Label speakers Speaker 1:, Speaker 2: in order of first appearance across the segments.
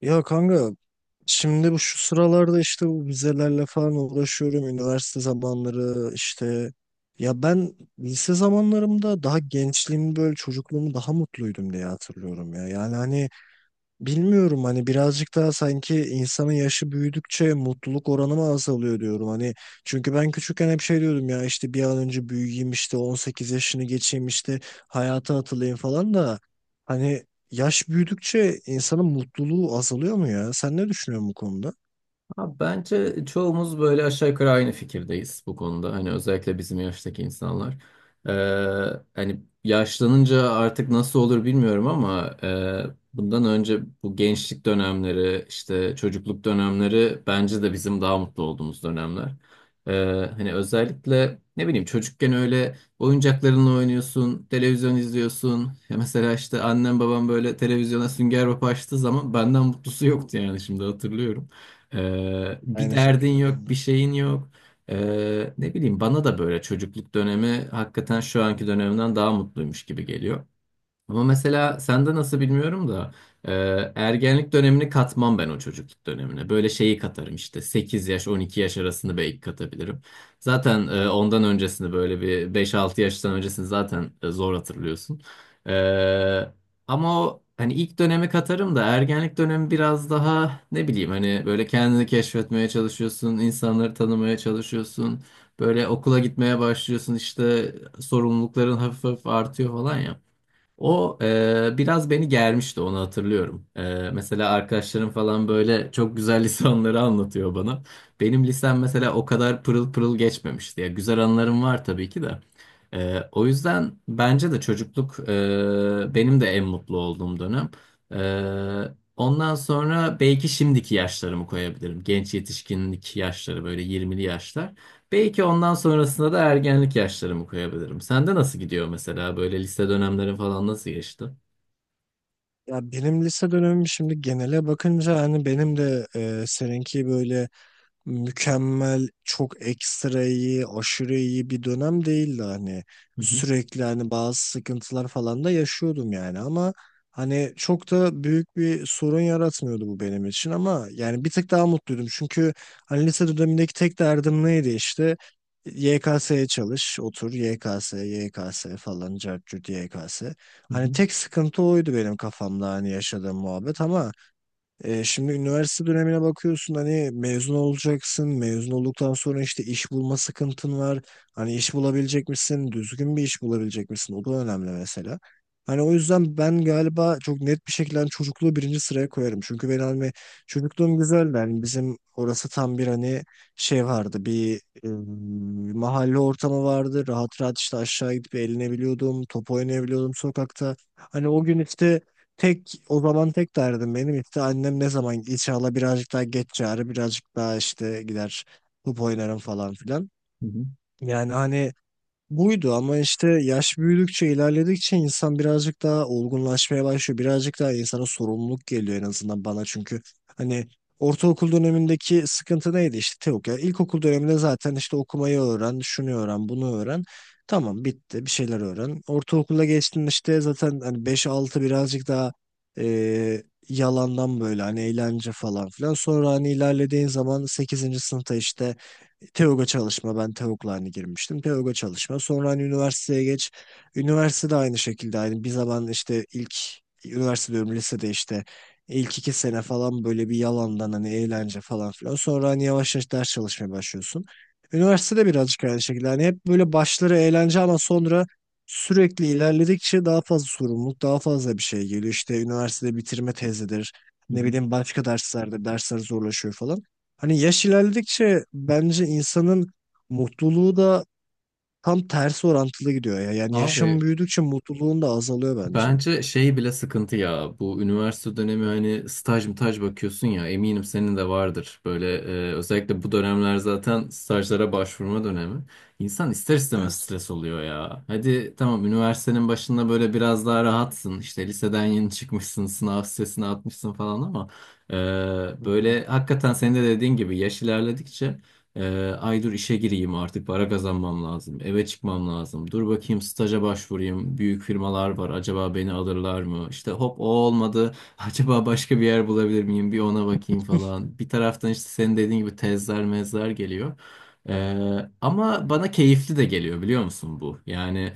Speaker 1: Ya kanka şimdi şu sıralarda işte bu vizelerle falan uğraşıyorum. Üniversite zamanları işte, ya ben lise zamanlarımda daha gençliğimi böyle çocukluğumu daha mutluydum diye hatırlıyorum ya. Yani hani, bilmiyorum hani birazcık daha sanki insanın yaşı büyüdükçe mutluluk oranı mı azalıyor diyorum hani, çünkü ben küçükken hep şey diyordum ya, işte bir an önce büyüyeyim, işte 18 yaşını geçeyim, işte hayata atılayım falan da, hani yaş büyüdükçe insanın mutluluğu azalıyor mu ya? Sen ne düşünüyorsun bu konuda?
Speaker 2: Abi bence çoğumuz böyle aşağı yukarı aynı fikirdeyiz bu konuda. Hani özellikle bizim yaştaki insanlar. Ee, hani yaşlanınca artık nasıl olur bilmiyorum ama bundan önce bu gençlik dönemleri, işte çocukluk dönemleri bence de bizim daha mutlu olduğumuz dönemler. Hani özellikle ne bileyim çocukken öyle oyuncaklarınla oynuyorsun, televizyon izliyorsun. Ya mesela işte annem babam böyle televizyona Sünger Bob açtığı zaman benden mutlusu yoktu yani şimdi hatırlıyorum. Bir
Speaker 1: Aynı
Speaker 2: derdin
Speaker 1: şekilde ben
Speaker 2: yok,
Speaker 1: de.
Speaker 2: bir şeyin yok. Ne bileyim bana da böyle çocukluk dönemi hakikaten şu anki dönemden daha mutluymuş gibi geliyor. Ama mesela sende nasıl bilmiyorum da e, ergenlik dönemini katmam ben o çocukluk dönemine. Böyle şeyi katarım işte 8 yaş 12 yaş arasını belki katabilirim. Zaten ondan öncesini böyle bir beş altı yaştan öncesini zaten zor hatırlıyorsun. E, ama o hani ilk dönemi katarım da ergenlik dönemi biraz daha ne bileyim hani böyle kendini keşfetmeye çalışıyorsun, insanları tanımaya çalışıyorsun. Böyle okula gitmeye başlıyorsun işte sorumlulukların hafif hafif artıyor falan ya. Biraz beni germişti onu hatırlıyorum. Mesela arkadaşlarım falan böyle çok güzel lisanları anlatıyor bana. Benim lisem mesela o kadar pırıl pırıl geçmemişti. Ya güzel anılarım var tabii ki de. O yüzden bence de çocukluk benim de en mutlu olduğum dönem. Ondan sonra belki şimdiki yaşlarımı koyabilirim. Genç yetişkinlik yaşları böyle 20'li yaşlar. Belki ondan sonrasında da ergenlik yaşlarımı koyabilirim. Sende nasıl gidiyor mesela böyle lise dönemlerin falan nasıl geçti?
Speaker 1: Ya benim lise dönemim, şimdi genele bakınca hani benim de seninki böyle mükemmel, çok ekstra iyi, aşırı iyi bir dönem değildi hani.
Speaker 2: Hı hı,
Speaker 1: Sürekli hani bazı sıkıntılar falan da yaşıyordum yani, ama hani çok da büyük bir sorun yaratmıyordu bu benim için, ama yani bir tık daha mutluydum. Çünkü hani lise dönemindeki tek derdim neydi? İşte YKS'ye çalış, otur YKS, YKS falan, cart curt YKS.
Speaker 2: hı
Speaker 1: Hani
Speaker 2: hı,
Speaker 1: tek sıkıntı oydu benim kafamda hani, yaşadığım muhabbet, ama şimdi üniversite dönemine bakıyorsun hani, mezun olacaksın. Mezun olduktan sonra işte iş bulma sıkıntın var. Hani iş bulabilecek misin? Düzgün bir iş bulabilecek misin? O da önemli mesela. Hani o yüzden ben galiba çok net bir şekilde hani çocukluğu birinci sıraya koyarım. Çünkü ben hani çocukluğum güzeldi. Hani bizim orası tam bir hani şey vardı. Bir mahalle ortamı vardı. Rahat rahat işte aşağı gidip eğlenebiliyordum. Top oynayabiliyordum sokakta. Hani o gün işte, tek o zaman tek derdim benim, işte annem ne zaman inşallah birazcık daha geç çağırır, birazcık daha işte gider top oynarım falan filan.
Speaker 2: hı hı,
Speaker 1: Yani hani buydu, ama işte yaş büyüdükçe ilerledikçe insan birazcık daha olgunlaşmaya başlıyor. Birazcık daha insana sorumluluk geliyor en azından bana, çünkü hani ortaokul dönemindeki sıkıntı neydi? İşte Teok, ya ilkokul döneminde zaten işte okumayı öğren, şunu öğren, bunu öğren. Tamam, bitti, bir şeyler öğren. Ortaokula geçtin, işte zaten hani beş altı birazcık daha e, yalandan böyle hani eğlence falan filan. Sonra hani ilerlediğin zaman sekizinci sınıfta işte TEOG'a çalışma, ben TEOG'la hani girmiştim. TEOG'a çalışma. Sonra hani üniversiteye geç. Üniversite de aynı şekilde aynı. Bir zaman işte ilk üniversite diyorum, lisede işte ilk iki sene falan böyle bir yalandan hani eğlence falan filan. Sonra hani yavaş yavaş ders çalışmaya başlıyorsun. Üniversitede birazcık aynı şekilde. Hani hep böyle başları eğlence, ama sonra sürekli ilerledikçe daha fazla sorumluluk, daha fazla bir şey geliyor. İşte üniversitede bitirme tezidir.
Speaker 2: hı
Speaker 1: Ne
Speaker 2: hı.
Speaker 1: bileyim başka derslerde dersler zorlaşıyor falan. Hani yaş ilerledikçe bence insanın mutluluğu da tam tersi orantılı gidiyor ya. Yani yaşım
Speaker 2: Abi
Speaker 1: büyüdükçe mutluluğun da azalıyor bence.
Speaker 2: bence şey bile sıkıntı ya bu üniversite dönemi hani staj mı taj bakıyorsun ya eminim senin de vardır böyle özellikle bu dönemler zaten stajlara başvurma dönemi insan ister istemez
Speaker 1: Evet.
Speaker 2: stres oluyor ya hadi tamam üniversitenin başında böyle biraz daha rahatsın işte liseden yeni çıkmışsın sınav stresini atmışsın falan ama
Speaker 1: Hı hı.
Speaker 2: böyle hakikaten senin de dediğin gibi yaş ilerledikçe ay dur işe gireyim artık para kazanmam lazım. Eve çıkmam lazım. Dur bakayım staja başvurayım. Büyük firmalar var. Acaba beni alırlar mı? İşte hop o olmadı. Acaba başka bir yer bulabilir miyim? Bir ona bakayım falan. Bir taraftan işte senin dediğin gibi tezler mezler geliyor. Ama bana keyifli de geliyor biliyor musun bu? Yani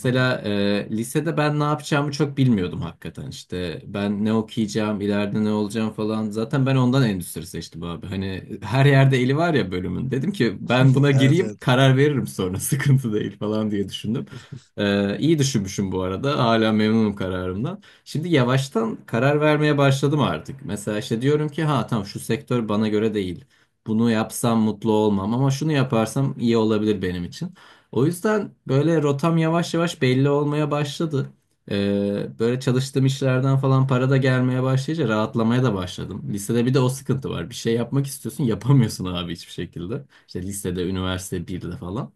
Speaker 1: Hı hı.
Speaker 2: lisede ben ne yapacağımı çok bilmiyordum hakikaten işte ben ne okuyacağım ileride ne olacağım falan zaten ben ondan endüstri seçtim abi hani her yerde eli var ya bölümün dedim ki ben buna
Speaker 1: Evet,
Speaker 2: gireyim
Speaker 1: evet.
Speaker 2: karar veririm sonra sıkıntı değil falan diye düşündüm. İyi düşünmüşüm bu arada hala memnunum kararımdan. Şimdi yavaştan karar vermeye başladım artık mesela işte diyorum ki ha tamam şu sektör bana göre değil bunu yapsam mutlu olmam ama şunu yaparsam iyi olabilir benim için. O yüzden böyle rotam yavaş yavaş belli olmaya başladı. Böyle çalıştığım işlerden falan para da gelmeye başlayınca rahatlamaya da başladım. Lisede bir de o sıkıntı var. Bir şey yapmak istiyorsun, yapamıyorsun abi hiçbir şekilde. İşte lisede, üniversite birde falan.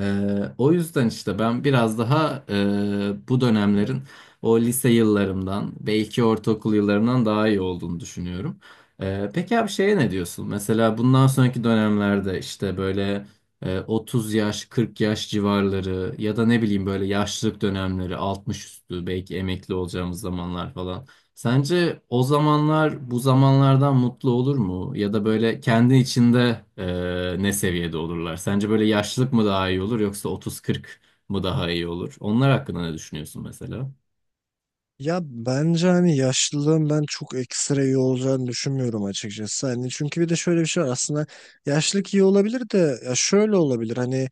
Speaker 2: O yüzden işte ben biraz daha bu dönemlerin o lise yıllarımdan belki ortaokul yıllarımdan daha iyi olduğunu düşünüyorum. Peki abi şeye ne diyorsun? Mesela bundan sonraki dönemlerde işte böyle 30 yaş 40 yaş civarları ya da ne bileyim böyle yaşlılık dönemleri 60 üstü belki emekli olacağımız zamanlar falan. Sence o zamanlar bu zamanlardan mutlu olur mu? Ya da böyle kendi içinde ne seviyede olurlar? Sence böyle yaşlılık mı daha iyi olur yoksa 30-40 mı daha iyi olur? Onlar hakkında ne düşünüyorsun mesela?
Speaker 1: Ya bence hani yaşlılığın ben çok ekstra iyi olacağını düşünmüyorum açıkçası. Hani çünkü bir de şöyle bir şey var aslında, yaşlılık iyi olabilir de, ya şöyle olabilir hani,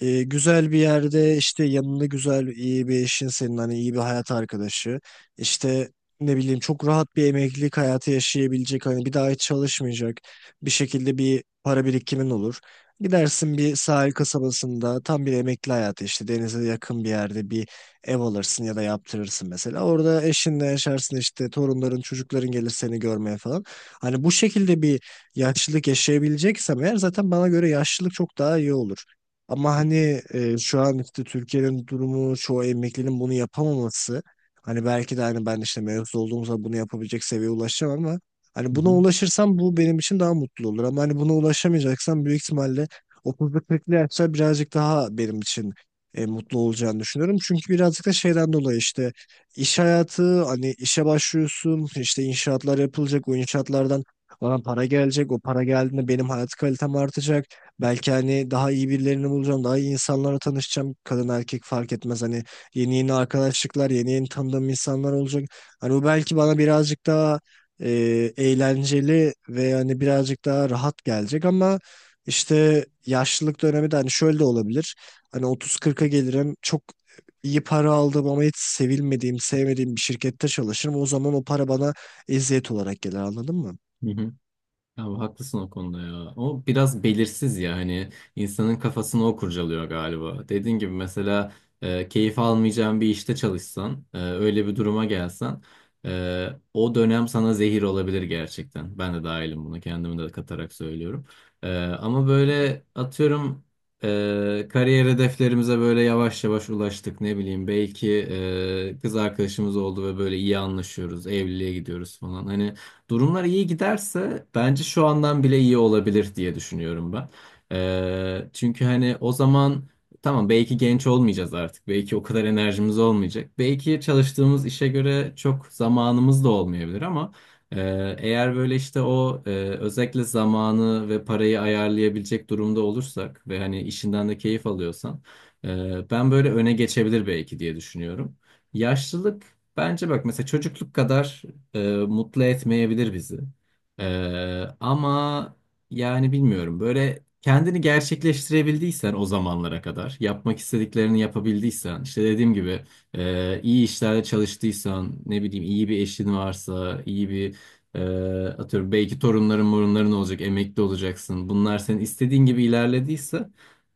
Speaker 1: güzel bir yerde, işte yanında güzel iyi bir eşin, senin hani iyi bir hayat arkadaşı, işte ne bileyim çok rahat bir emeklilik hayatı yaşayabilecek hani, bir daha hiç çalışmayacak bir şekilde bir para birikimin olur. Gidersin bir sahil kasabasında tam bir emekli hayatı, işte denize yakın bir yerde bir ev alırsın ya da yaptırırsın mesela. Orada eşinle yaşarsın, işte torunların, çocukların gelir seni görmeye falan. Hani bu şekilde bir yaşlılık yaşayabileceksem eğer, zaten bana göre yaşlılık çok daha iyi olur. Ama hani şu an işte Türkiye'nin durumu, çoğu emeklinin bunu yapamaması, hani belki de hani ben işte mevzu olduğumuzda bunu yapabilecek seviyeye ulaşacağım, ama hani
Speaker 2: Hı
Speaker 1: buna
Speaker 2: hı.
Speaker 1: ulaşırsam bu benim için daha mutlu olur, ama hani buna ulaşamayacaksam büyük ihtimalle 30'lu 40'lı yaşlar birazcık daha benim için mutlu olacağını düşünüyorum. Çünkü birazcık da şeyden dolayı, işte iş hayatı, hani işe başlıyorsun, işte inşaatlar yapılacak, o inşaatlardan bana para gelecek. O para geldiğinde benim hayat kalitem artacak. Belki hani daha iyi birilerini bulacağım. Daha iyi insanlarla tanışacağım. Kadın erkek fark etmez. Hani yeni yeni arkadaşlıklar, yeni yeni tanıdığım insanlar olacak. Hani bu belki bana birazcık daha e, eğlenceli ve hani birazcık daha rahat gelecek, ama işte yaşlılık dönemi de hani şöyle de olabilir. Hani otuz kırka gelirim. Çok iyi para aldım, ama hiç sevilmediğim, sevmediğim bir şirkette çalışırım. O zaman o para bana eziyet olarak gelir, anladın mı?
Speaker 2: Hı hı. Ya haklısın o konuda ya. O biraz belirsiz ya hani insanın kafasını o kurcalıyor galiba. Dediğin gibi mesela keyif almayacağın bir işte çalışsan, öyle bir duruma gelsen e, o dönem sana zehir olabilir gerçekten. Ben de dahilim bunu kendimi de katarak söylüyorum. Ama böyle atıyorum kariyer hedeflerimize böyle yavaş yavaş ulaştık ne bileyim belki kız arkadaşımız oldu ve böyle iyi anlaşıyoruz, evliliğe gidiyoruz falan. Hani durumlar iyi giderse bence şu andan bile iyi olabilir diye düşünüyorum ben. Çünkü hani o zaman tamam belki genç olmayacağız artık. Belki o kadar enerjimiz olmayacak. Belki çalıştığımız işe göre çok zamanımız da olmayabilir ama eğer böyle işte özellikle zamanı ve parayı ayarlayabilecek durumda olursak ve hani işinden de keyif alıyorsan ben böyle öne geçebilir belki diye düşünüyorum. Yaşlılık bence bak mesela çocukluk kadar mutlu etmeyebilir bizi. E, ama yani bilmiyorum böyle kendini gerçekleştirebildiysen o zamanlara kadar yapmak istediklerini yapabildiysen işte dediğim gibi iyi işlerde çalıştıysan ne bileyim iyi bir eşin varsa iyi bir e, atıyorum belki torunların morunların olacak emekli olacaksın bunlar senin istediğin gibi
Speaker 1: Hı hı.
Speaker 2: ilerlediyse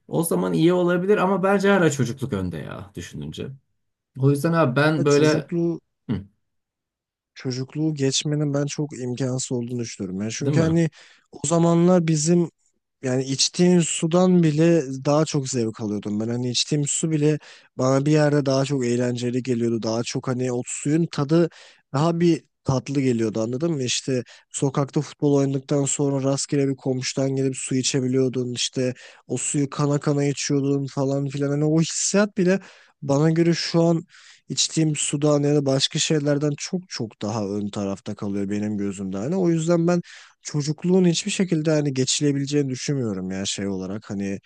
Speaker 2: o zaman iyi olabilir ama bence hala çocukluk önde ya düşününce. O yüzden abi
Speaker 1: Ya
Speaker 2: ben böyle
Speaker 1: Çocukluğu
Speaker 2: hı,
Speaker 1: çocukluğu geçmenin ben çok imkansız olduğunu düşünüyorum. Yani
Speaker 2: değil
Speaker 1: çünkü
Speaker 2: mi?
Speaker 1: hani o zamanlar bizim, yani içtiğim sudan bile daha çok zevk alıyordum ben. Hani içtiğim su bile bana bir yerde daha çok eğlenceli geliyordu. Daha çok hani o suyun tadı daha bir tatlı geliyordu, anladın mı? İşte sokakta futbol oynadıktan sonra rastgele bir komşudan gelip su içebiliyordun. İşte o suyu kana kana içiyordun falan filan. Hani o hissiyat bile bana göre şu an içtiğim sudan ya da başka şeylerden çok çok daha ön tarafta kalıyor benim gözümde. Hani o yüzden ben çocukluğun hiçbir şekilde hani geçilebileceğini düşünmüyorum, ya şey olarak hani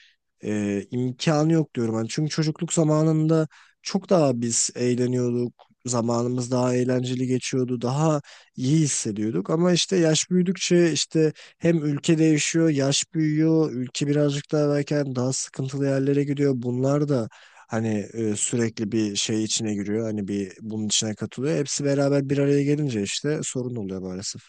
Speaker 1: imkanı yok diyorum. Hani çünkü çocukluk zamanında çok daha biz eğleniyorduk. Zamanımız daha eğlenceli geçiyordu. Daha iyi hissediyorduk. Ama işte yaş büyüdükçe, işte hem ülke değişiyor, yaş büyüyor, ülke birazcık daha belki hani daha sıkıntılı yerlere gidiyor. Bunlar da hani sürekli bir şey içine giriyor. Hani bir bunun içine katılıyor. Hepsi beraber bir araya gelince işte sorun oluyor maalesef.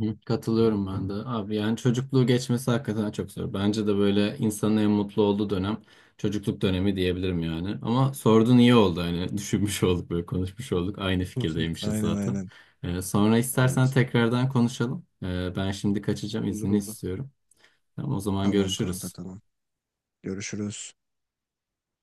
Speaker 2: Hı, katılıyorum ben de. Abi yani çocukluğu geçmesi hakikaten çok zor. Bence de böyle insanın en mutlu olduğu dönem çocukluk dönemi diyebilirim yani. Ama sordun iyi oldu hani düşünmüş olduk böyle konuşmuş olduk. Aynı fikirdeymişiz
Speaker 1: Aynen,
Speaker 2: zaten.
Speaker 1: aynen.
Speaker 2: Sonra istersen
Speaker 1: Evet.
Speaker 2: tekrardan konuşalım. Ben şimdi kaçacağım
Speaker 1: Olur,
Speaker 2: izni
Speaker 1: olur.
Speaker 2: istiyorum. Tamam, o zaman
Speaker 1: Tamam kanka,
Speaker 2: görüşürüz.
Speaker 1: tamam. Görüşürüz.